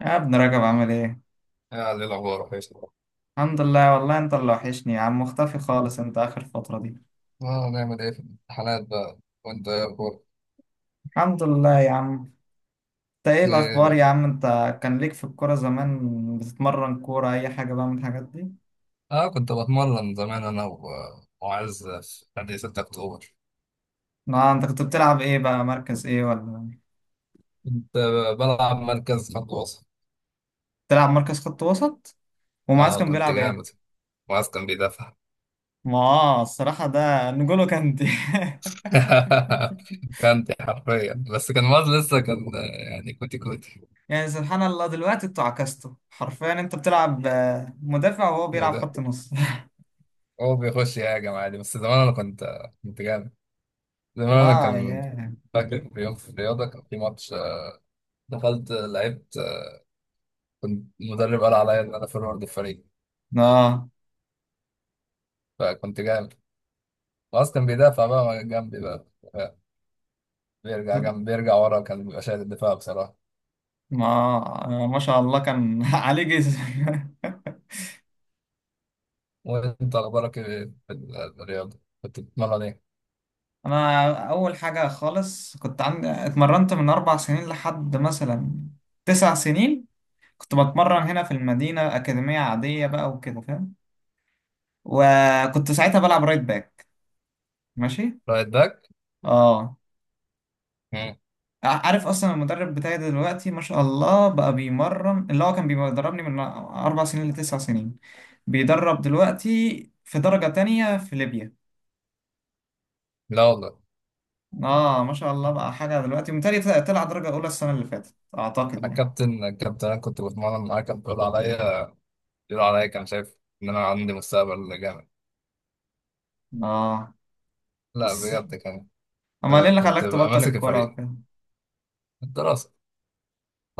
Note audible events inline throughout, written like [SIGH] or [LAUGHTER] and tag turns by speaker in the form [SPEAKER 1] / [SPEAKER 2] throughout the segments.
[SPEAKER 1] يا ابن رجب، عامل ايه؟
[SPEAKER 2] يعني الأخبار كويس.
[SPEAKER 1] الحمد لله، والله انت اللي وحشني يا عم، مختفي خالص انت اخر فترة دي.
[SPEAKER 2] آه، نعمل إيه في الامتحانات بقى. وأنت إيه أخبارك؟
[SPEAKER 1] الحمد لله يا عم. انت ايه الاخبار
[SPEAKER 2] إيه؟
[SPEAKER 1] يا عم انت؟ كان ليك في الكورة زمان، بتتمرن كورة اي حاجة بقى من الحاجات دي؟
[SPEAKER 2] آه، كنت بتمرن زمان أنا وعز في نادي 6 أكتوبر.
[SPEAKER 1] لا انت كنت بتلعب ايه بقى، مركز ايه ولا
[SPEAKER 2] كنت بلعب مركز خط وسط.
[SPEAKER 1] بتلعب مركز خط وسط؟ ومعاذ
[SPEAKER 2] آه،
[SPEAKER 1] كان
[SPEAKER 2] كنت
[SPEAKER 1] بيلعب ايه؟
[SPEAKER 2] جامد، وعز كان بيدافع.
[SPEAKER 1] ما آه، الصراحة ده نجولو كانتي [LAUGHS]
[SPEAKER 2] [LAUGHS] كانت حرفيا، بس كان وعز لسه كان، يعني كوتي كوتي.
[SPEAKER 1] يعني سبحان الله، دلوقتي انتوا عكستوا حرفيا، انت بتلعب مدافع، وهو بيلعب
[SPEAKER 2] وده
[SPEAKER 1] خط نص [LAUGHS]
[SPEAKER 2] هو بيخش يهاجم عادي، بس زمان أنا كنت، كنت جامد. زمان أنا
[SPEAKER 1] اه
[SPEAKER 2] كان.
[SPEAKER 1] ياه.
[SPEAKER 2] فاكر في يوم في الرياضة كان في ماتش، دخلت لعبت. كنت المدرب قال عليا ان انا فورورد الفريق،
[SPEAKER 1] اه،
[SPEAKER 2] فكنت جامد. خلاص كان بيدافع بقى جنبي بقى، بيرجع جنب، بيرجع ورا، كان بيبقى شايل الدفاع بصراحة.
[SPEAKER 1] ما شاء الله كان [LAUGHS] عليه جسم [LAUGHS]
[SPEAKER 2] وانت اخبارك ايه؟ في ال- الرياضة كنت بتتمرن ايه؟
[SPEAKER 1] انا اول حاجه خالص، كنت عندي اتمرنت من 4 سنين لحد مثلا 9 سنين. كنت بتمرن هنا في المدينه، اكاديميه عاديه بقى وكده، فاهم؟ وكنت ساعتها بلعب رايت باك. ماشي.
[SPEAKER 2] رايت باك؟
[SPEAKER 1] اه،
[SPEAKER 2] مم.
[SPEAKER 1] عارف اصلا المدرب بتاعي دلوقتي ما شاء الله بقى، بيمرن اللي هو كان بيدربني من 4 سنين لتسع سنين. بيدرب دلوقتي في درجه تانية في ليبيا.
[SPEAKER 2] لا والله.
[SPEAKER 1] اه ما شاء الله بقى، حاجة دلوقتي متهيألي طلع درجة أولى السنة اللي فاتت، أعتقد
[SPEAKER 2] انا
[SPEAKER 1] يعني.
[SPEAKER 2] الكابتن، الكابتن انا كنت بتمرن معاه، كان بيقول عليا، بيقول عليا كان شايف ان انا عندي مستقبل جامد.
[SPEAKER 1] اه،
[SPEAKER 2] لا
[SPEAKER 1] بس-
[SPEAKER 2] بجد كان.
[SPEAKER 1] أمال إيه اللي
[SPEAKER 2] كنت
[SPEAKER 1] خلاك
[SPEAKER 2] ببقى
[SPEAKER 1] تبطل
[SPEAKER 2] ماسك
[SPEAKER 1] الكورة
[SPEAKER 2] الفريق.
[SPEAKER 1] وكده؟
[SPEAKER 2] الدراسة.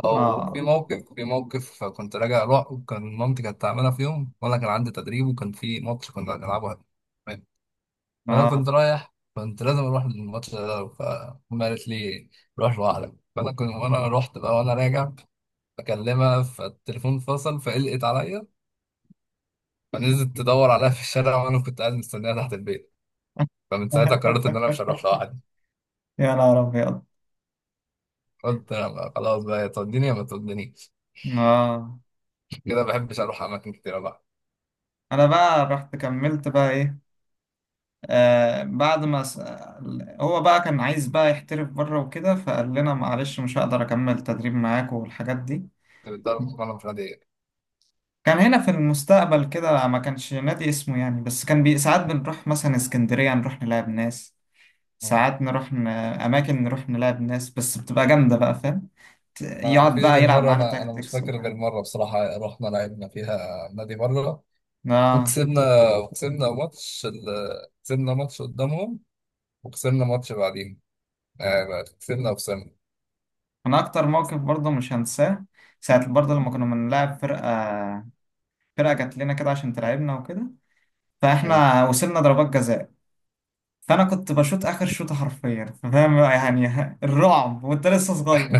[SPEAKER 2] او في
[SPEAKER 1] اه،
[SPEAKER 2] موقف، في موقف كنت راجع رعب، كان مامتي كانت تعملها في يوم، وانا كان عندي تدريب وكان في ماتش كنا هنلعبه. فانا
[SPEAKER 1] اه.
[SPEAKER 2] كنت رايح، كنت لازم اروح للماتش ده، فأمي قالت لي روح لوحدك. فانا كنت وانا رحت بقى، وانا راجع بكلمها فالتليفون فصل، فقلقت عليا، فنزلت تدور عليها في الشارع، وانا كنت قاعد مستنيها تحت البيت. فمن ساعتها قررت ان انا مش هروح
[SPEAKER 1] [LAUGHS]
[SPEAKER 2] لوحدي.
[SPEAKER 1] يا نهار أبيض.
[SPEAKER 2] قلت أنا خلاص بقى، يا توديني يا ما تودينيش.
[SPEAKER 1] اه،
[SPEAKER 2] كده ما بحبش اروح اماكن كتير بقى.
[SPEAKER 1] أنا بقى رحت كملت بقى إيه، آه بعد ما س... هو بقى كان عايز بقى يحترف بره وكده، فقال لنا معلش مش هقدر أكمل تدريب معاك والحاجات دي.
[SPEAKER 2] كنت بتضرب وانا مش عادي.
[SPEAKER 1] كان هنا في المستقبل كده، ما كانش نادي اسمه يعني، بس ساعات بنروح مثلا اسكندرية نروح نلعب ناس، ساعات أماكن نروح نلعب ناس، بس بتبقى جامدة بقى، فاهم؟
[SPEAKER 2] انا
[SPEAKER 1] يقعد
[SPEAKER 2] مفيش
[SPEAKER 1] بقى
[SPEAKER 2] غير
[SPEAKER 1] يلعب
[SPEAKER 2] مره،
[SPEAKER 1] معانا
[SPEAKER 2] انا مش
[SPEAKER 1] تاكتكس
[SPEAKER 2] فاكر غير
[SPEAKER 1] وحاجات.
[SPEAKER 2] مره بصراحه، رحنا لعبنا فيها نادي مره
[SPEAKER 1] آه.
[SPEAKER 2] وكسبنا. وكسبنا ماتش كسبنا ماتش قدامهم، وكسبنا ماتش بعدين. آه، كسبنا وخسرنا.
[SPEAKER 1] أنا أكتر موقف برضه مش هنساه، ساعة برضه لما كنا بنلعب فرقة. فرقة جات لنا كده عشان تلعبنا وكده،
[SPEAKER 2] آه.
[SPEAKER 1] فإحنا وصلنا ضربات جزاء. فأنا كنت بشوط آخر شوطة حرفيا، فاهم يعني [LAUGHS] الرعب وأنت لسه صغير.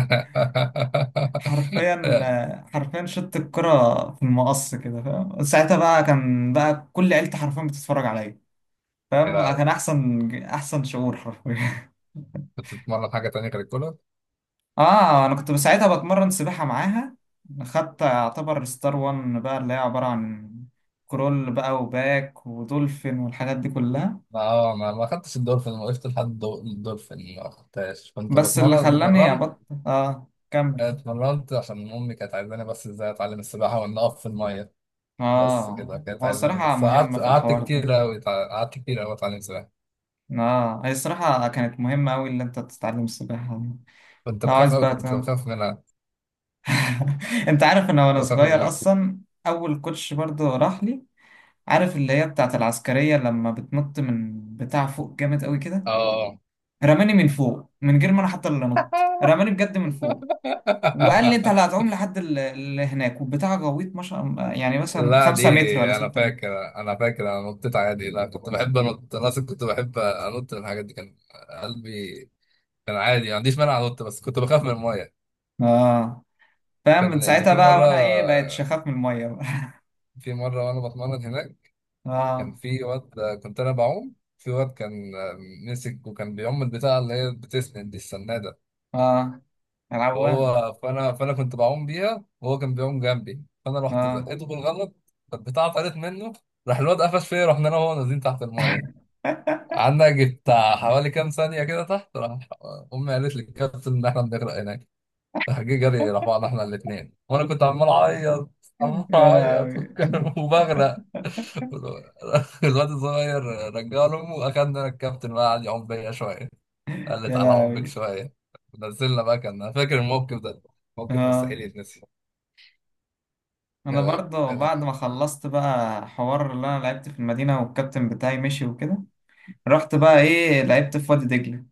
[SPEAKER 1] حرفيا حرفيا شوت الكرة في المقص كده، فاهم؟ ساعتها بقى كان بقى كل عيلتي حرفيا بتتفرج عليا، فاهم؟
[SPEAKER 2] لا،
[SPEAKER 1] كان احسن احسن شعور حرفيا.
[SPEAKER 2] كنت بتتمرن حاجه تانية غير الكوره؟
[SPEAKER 1] [LAUGHS] اه، انا كنت ساعتها بتمرن سباحه معاها. خدت اعتبر ستار وان بقى، اللي هي عباره عن كرول بقى وباك ودولفين والحاجات دي كلها.
[SPEAKER 2] اه، ما خدتش الدولفين، ما وقفت لحد الدولفين، ما خدتهاش. كنت
[SPEAKER 1] بس اللي
[SPEAKER 2] بتمرن،
[SPEAKER 1] خلاني
[SPEAKER 2] اتمرنت.
[SPEAKER 1] ابطل، اه، كمل.
[SPEAKER 2] اتمرنت عشان امي كانت عايزاني، بس ازاي اتعلم السباحه وان اقف في الميه. بس كده
[SPEAKER 1] اه،
[SPEAKER 2] كانت
[SPEAKER 1] هو
[SPEAKER 2] عايزاني.
[SPEAKER 1] الصراحه
[SPEAKER 2] بس
[SPEAKER 1] مهمه
[SPEAKER 2] قعدت،
[SPEAKER 1] في
[SPEAKER 2] قعدت
[SPEAKER 1] الحوار ده.
[SPEAKER 2] كتير أوي، قعدت كتير أوي أتعلم سباحة.
[SPEAKER 1] اه، هي الصراحه كانت مهمه قوي اللي انت تتعلم السباحه دي.
[SPEAKER 2] كنت
[SPEAKER 1] اه،
[SPEAKER 2] بخاف
[SPEAKER 1] عايز
[SPEAKER 2] أوي،
[SPEAKER 1] بقى
[SPEAKER 2] كنت بخاف منها.
[SPEAKER 1] [LAUGHS] انت عارف ان وانا
[SPEAKER 2] كنت بخاف من
[SPEAKER 1] صغير
[SPEAKER 2] المية.
[SPEAKER 1] اصلا، اول كوتش برضو راح لي، عارف اللي هي بتاعت العسكرية لما بتنط من بتاع فوق جامد قوي كده؟
[SPEAKER 2] آه.
[SPEAKER 1] رماني من فوق، من غير ما انا حتى اللي انط، رماني بجد من فوق. وقال لي انت اللي
[SPEAKER 2] [LAUGHS]
[SPEAKER 1] هتعوم لحد اللي هناك، والبتاع غويط ما شاء الله، يعني مثلا
[SPEAKER 2] لا دي،
[SPEAKER 1] 5 متر ولا
[SPEAKER 2] أنا
[SPEAKER 1] 6 متر.
[SPEAKER 2] فاكر، أنا فاكر أنا نطيت عادي. لا، كنت بحب أنط. أنا أصلا كنت بحب أنط من الحاجات دي. كان قلبي كان عادي، ما عنديش مانع أنط، بس كنت بخاف من المية.
[SPEAKER 1] اه، فاهم؟ من
[SPEAKER 2] كان لأن
[SPEAKER 1] ساعتها
[SPEAKER 2] في
[SPEAKER 1] بقى
[SPEAKER 2] مرة،
[SPEAKER 1] وانا ايه، بقيت شخاف من المية بقى.
[SPEAKER 2] في مرة وأنا بتمرن هناك
[SPEAKER 1] [LAUGHS]
[SPEAKER 2] كان
[SPEAKER 1] اه.
[SPEAKER 2] في واد. كنت أنا بعوم في واد، كان مسك، وكان بيعم البتاعة اللي هي بتسند دي، السنادة.
[SPEAKER 1] اه. العوامة.
[SPEAKER 2] هو، فانا كنت بعوم بيها، وهو كان بيعوم جنبي، فانا رحت
[SPEAKER 1] اه
[SPEAKER 2] زقته بالغلط، فالبتاعه طارت منه. راح الواد قفش فيا، رحنا انا وهو نازلين تحت الميه. قعدنا يجي بتاع حوالي كام ثانيه كده تحت. راح امي قالت للكابتن ان احنا بنغرق هناك، راح جه جري راح بعض احنا الاثنين، وانا كنت عمال اعيط، عمال
[SPEAKER 1] يا
[SPEAKER 2] اعيط
[SPEAKER 1] لهوي. [LAUGHS]
[SPEAKER 2] [LAUGHS] وبغرق الواد الصغير. رجع له امه، اخدنا الكابتن بقى قعد يعوم بيا شويه. قلت
[SPEAKER 1] يا
[SPEAKER 2] على عمك
[SPEAKER 1] لهوي.
[SPEAKER 2] شوية. نزلنا بقى. كان أنا فاكر الموقف ده، موقف
[SPEAKER 1] اه،
[SPEAKER 2] مستحيل يتنسي.
[SPEAKER 1] انا
[SPEAKER 2] يا
[SPEAKER 1] برضه بعد
[SPEAKER 2] لا.
[SPEAKER 1] ما خلصت بقى حوار اللي انا لعبت في المدينة والكابتن بتاعي مشي وكده، رحت بقى ايه، لعبت في وادي دجلة.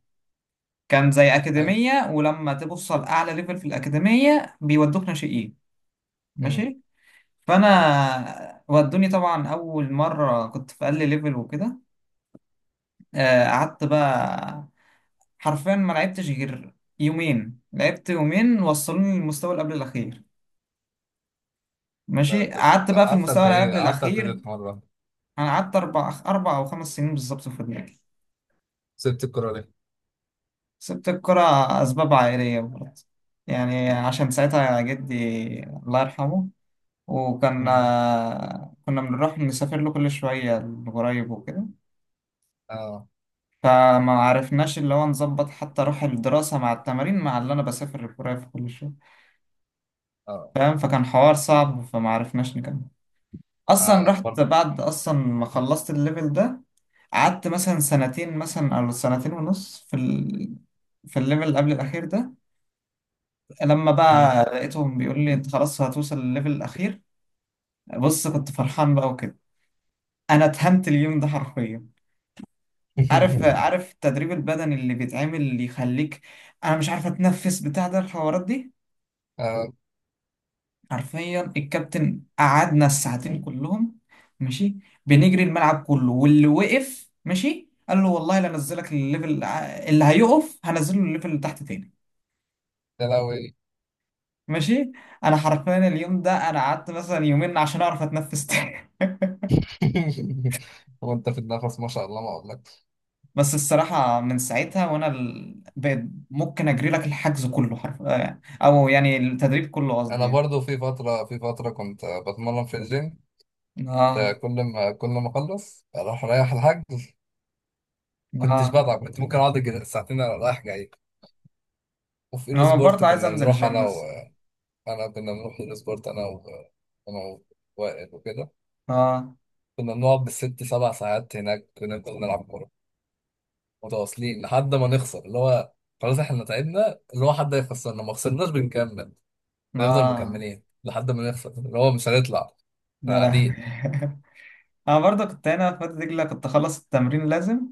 [SPEAKER 1] كان زي
[SPEAKER 2] حلو.
[SPEAKER 1] أكاديمية، ولما توصل أعلى ليفل في الأكاديمية بيودوك ناشئين.
[SPEAKER 2] أمم.
[SPEAKER 1] ماشي. فأنا ودوني طبعا، أول مرة كنت في أقل ليفل وكده. قعدت بقى حرفيا ما لعبتش غير يومين، لعبت يومين وصلوني للمستوى اللي قبل الأخير. ماشي، قعدت بقى في
[SPEAKER 2] قعدت
[SPEAKER 1] المستوى
[SPEAKER 2] قد
[SPEAKER 1] اللي
[SPEAKER 2] إيه،
[SPEAKER 1] قبل
[SPEAKER 2] قعدت قد
[SPEAKER 1] الأخير.
[SPEAKER 2] إيه مرة؟
[SPEAKER 1] أنا قعدت أربع أو خمس سنين بالظبط في الدنيا.
[SPEAKER 2] سبت الكرة ليه؟
[SPEAKER 1] سبت الكرة، أسباب عائلية برضه، يعني عشان ساعتها جدي الله يرحمه، وكان
[SPEAKER 2] أمم.
[SPEAKER 1] كنا بنروح نسافر له كل شوية لقريب وكده.
[SPEAKER 2] آه.
[SPEAKER 1] فما عرفناش اللي هو نظبط حتى روح الدراسة مع التمارين مع اللي أنا بسافر القريب في كل شوية،
[SPEAKER 2] آه.
[SPEAKER 1] فاهم؟ فكان حوار صعب، فما عرفناش نكمل. أصلا
[SPEAKER 2] آه
[SPEAKER 1] رحت
[SPEAKER 2] برضه.
[SPEAKER 1] بعد أصلا ما خلصت الليفل ده، قعدت مثلا سنتين، مثلا أو سنتين ونص في الليفل اللي قبل الأخير ده. لما بقى
[SPEAKER 2] أمم.
[SPEAKER 1] لقيتهم بيقول لي انت خلاص هتوصل للليفل الاخير، بص كنت فرحان بقى وكده. انا اتهنت اليوم ده حرفيا. عارف
[SPEAKER 2] [LAUGHS]
[SPEAKER 1] عارف التدريب البدني اللي بيتعمل اللي يخليك انا مش عارف اتنفس بتاع ده، الحوارات دي.
[SPEAKER 2] آه.
[SPEAKER 1] حرفيا الكابتن قعدنا الساعتين كلهم ماشي بنجري الملعب كله، واللي وقف ماشي قال له والله لا انزلك الليفل، اللي هيقف هنزله الليفل اللي تحت تاني.
[SPEAKER 2] يا لهوي.
[SPEAKER 1] ماشي. انا حرفيا اليوم ده انا قعدت مثلا يومين عشان اعرف اتنفس تاني [LAUGHS]
[SPEAKER 2] [LAUGHS] وأنت في النفس ما شاء الله ما أقولكش.
[SPEAKER 1] بس الصراحة من ساعتها وأنا بقيت ممكن أجري لك الحجز كله، حرف آه، أو يعني التدريب كله قصدي
[SPEAKER 2] أنا
[SPEAKER 1] يعني.
[SPEAKER 2] برضو في فترة، في فترة كنت بتمرن في الجيم. ده
[SPEAKER 1] آه.
[SPEAKER 2] كل ما أخلص أروح رايح الحاج. ما كنتش
[SPEAKER 1] آه.
[SPEAKER 2] بتعب، كنت ممكن أقعد أجي ساعتين رايح جاي. وفي ايرو
[SPEAKER 1] أنا
[SPEAKER 2] سبورت
[SPEAKER 1] برضه عايز
[SPEAKER 2] كنا
[SPEAKER 1] أنزل
[SPEAKER 2] بنروح انا
[SPEAKER 1] الجيم
[SPEAKER 2] و...
[SPEAKER 1] بس.
[SPEAKER 2] انا كنا بنروح ايرو سبورت انا و... انا ووائل وكده.
[SPEAKER 1] آه.
[SPEAKER 2] كنا بنقعد بالست سبع ساعات هناك ونفضل نلعب كورة متواصلين لحد ما نخسر، اللي هو خلاص احنا تعبنا، اللي هو حد هيخسرنا. ما خسرناش بنكمل، بنفضل
[SPEAKER 1] آه.
[SPEAKER 2] مكملين لحد ما نخسر، اللي هو مش هنطلع، احنا
[SPEAKER 1] يا لهوي.
[SPEAKER 2] قاعدين.
[SPEAKER 1] [LAUGHS] أنا برضه كنت هنا في وادي دجلة، كنت أخلص التمرين لازم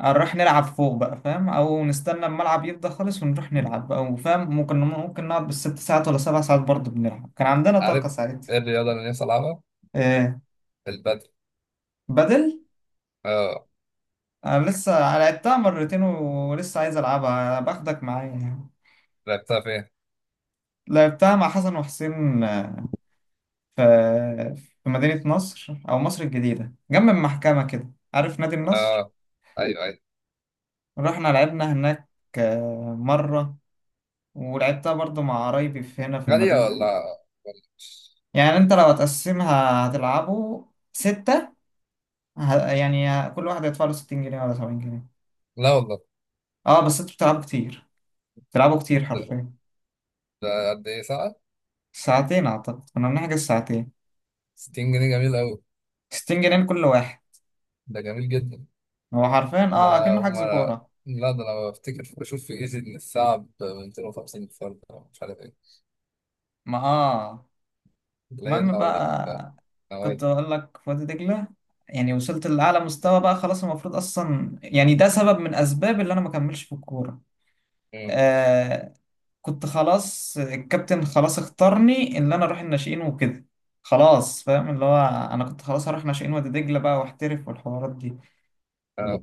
[SPEAKER 1] نروح نلعب فوق بقى، فاهم؟ أو نستنى الملعب يفضى خالص ونروح نلعب بقى، وفاهم ممكن نقعد بالست ساعات ولا 7 ساعات برضه بنلعب، كان عندنا
[SPEAKER 2] عارف
[SPEAKER 1] طاقة ساعتها.
[SPEAKER 2] ايه الرياضة اللي نفسي العبها؟
[SPEAKER 1] إيه.
[SPEAKER 2] البدل.
[SPEAKER 1] بدل.
[SPEAKER 2] اه.
[SPEAKER 1] انا لسه لعبتها مرتين، ولسه عايز العبها، باخدك معايا يعني.
[SPEAKER 2] لعبتها فين؟
[SPEAKER 1] لعبتها مع حسن وحسين في في مدينة نصر او مصر الجديدة، جنب المحكمة كده، عارف نادي النصر؟
[SPEAKER 2] اه، ايوه ايوه.
[SPEAKER 1] رحنا لعبنا هناك مرة. ولعبتها برضو مع قرايبي في هنا في
[SPEAKER 2] غالية
[SPEAKER 1] المدينة.
[SPEAKER 2] ولا؟
[SPEAKER 1] يعني انت لو هتقسمها هتلعبوا ستة، يعني كل واحد هيدفع له 60 جنيه ولا 70 جنيه.
[SPEAKER 2] لا والله.
[SPEAKER 1] اه بس انتوا بتلعبوا كتير، بتلعبوا كتير
[SPEAKER 2] ده،
[SPEAKER 1] حرفيا.
[SPEAKER 2] ده قد ايه ساعة؟
[SPEAKER 1] ساعتين، اعتقد كنا بنحجز ساعتين.
[SPEAKER 2] 60 جنيه جميل قوي.
[SPEAKER 1] 60 جنيه لكل واحد.
[SPEAKER 2] ده جميل جدا.
[SPEAKER 1] هو حرفيا
[SPEAKER 2] ده
[SPEAKER 1] اه
[SPEAKER 2] انا
[SPEAKER 1] اكنه
[SPEAKER 2] ما
[SPEAKER 1] حجز كورة.
[SPEAKER 2] لا، ده انا بفتكر بشوف في ايزي ان الساعه ب 250 فرد، أو مش عارف ايه،
[SPEAKER 1] ما اه
[SPEAKER 2] اللي هي
[SPEAKER 1] المهم
[SPEAKER 2] النوادي.
[SPEAKER 1] بقى، كنت
[SPEAKER 2] النوادي.
[SPEAKER 1] اقول لك في وادي دجلة، يعني وصلت لأعلى مستوى بقى خلاص، المفروض أصلا يعني ده سبب من أسباب اللي أنا ما كملش في الكورة.
[SPEAKER 2] امم.
[SPEAKER 1] آه. كنت خلاص الكابتن خلاص اختارني اللي أنا أروح الناشئين وكده، خلاص فاهم؟ اللي هو أنا كنت خلاص هروح ناشئين وادي دجلة بقى، واحترف والحوارات دي.
[SPEAKER 2] آه.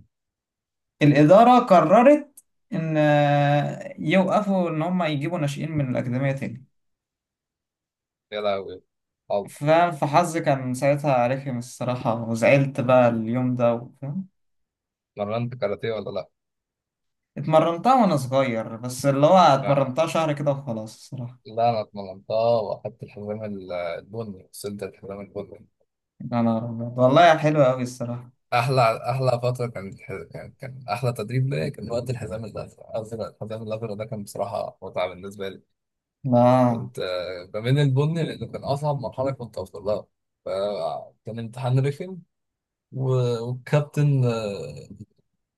[SPEAKER 1] الإدارة قررت إن يوقفوا، إن هم يجيبوا ناشئين من الأكاديمية تاني.
[SPEAKER 2] يا لهوي. طب
[SPEAKER 1] فاهم؟ فحظي كان ساعتها رخم الصراحة، وزعلت بقى اليوم ده، فاهم؟
[SPEAKER 2] اتمرنت كاراتيه ولا لا؟
[SPEAKER 1] اتمرنتها وأنا صغير بس، اللي هو
[SPEAKER 2] لا.
[SPEAKER 1] اتمرنتها شهر كده وخلاص الصراحة.
[SPEAKER 2] لا انا اتمرنتها واخدت الحزام البني، وصلت الحزام البني.
[SPEAKER 1] يا نهار أبيض، والله حلوة أوي الصراحة.
[SPEAKER 2] احلى، احلى فتره كانت، كان، كان احلى تدريب ليا كان وقت الحزام الازرق. الازرق، الحزام الازرق ده كان بصراحه متعه بالنسبه لي.
[SPEAKER 1] لا،
[SPEAKER 2] كنت آه، بميل البني لانه كان اصعب مرحله كنت اوصل لها. فكان امتحان رخم، والكابتن آه،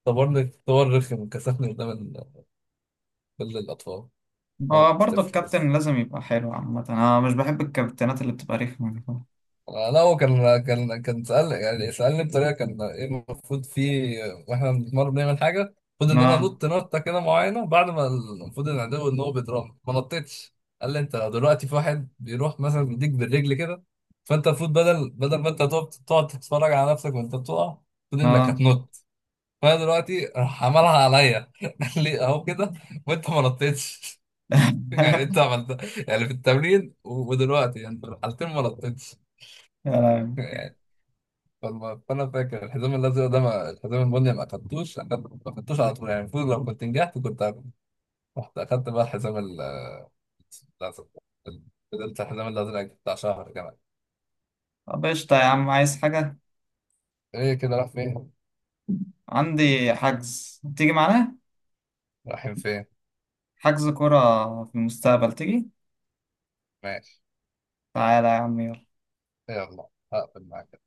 [SPEAKER 2] اختبرني اختبار رخم، كسفني قدام كل الأطفال. أنا
[SPEAKER 1] هو
[SPEAKER 2] كنت
[SPEAKER 1] برضه
[SPEAKER 2] طفل بس.
[SPEAKER 1] الكابتن لازم يبقى حلو عامة، أنا مش بحب الكابتنات اللي بتبقى رخمة دي.
[SPEAKER 2] آه، لا هو كان، كان سأل، يعني سألني بطريقة كان إيه المفروض فيه. آه، وإحنا بنتمرن بنعمل حاجة، المفروض إن أنا
[SPEAKER 1] لا،
[SPEAKER 2] أنط نطة كده معينة بعد ما، المفروض إن العدو إن هو بيضربني، ما نطيتش. قال لي أنت دلوقتي في واحد بيروح مثلا بيديك بالرجل كده، فأنت المفروض بدل ما أنت تقعد تتفرج على نفسك وأنت بتقع، المفروض إنك
[SPEAKER 1] لا.
[SPEAKER 2] هتنط. فانا دلوقتي راح عملها عليا [LAUGHS] قال لي اهو كده، وانت ما نطيتش. [LAUGHS] يعني انت
[SPEAKER 1] [LAUGHS]
[SPEAKER 2] عملت، يعني في التمرين ودلوقتي، يعني في الحالتين ما نطيتش.
[SPEAKER 1] يا لهوي.
[SPEAKER 2] فانا فاكر الحزام الازرق ده، ما الحزام البني ما اخدتوش، ما اخدتوش على طول، يعني المفروض لو كنت نجحت كنت هاخده. رحت اخدت بقى الحزام الازرق. فضلت الحزام الازرق بتاع شهر كمان.
[SPEAKER 1] طب قشطة يا عم، عايز حاجة؟
[SPEAKER 2] ايه كده راح فين؟
[SPEAKER 1] عندي حجز تيجي معانا،
[SPEAKER 2] رايحين فين؟
[SPEAKER 1] حجز كرة في المستقبل، تيجي؟
[SPEAKER 2] ماشي.
[SPEAKER 1] تعالى يا عم، يلا.
[SPEAKER 2] يلا هقفل معاك.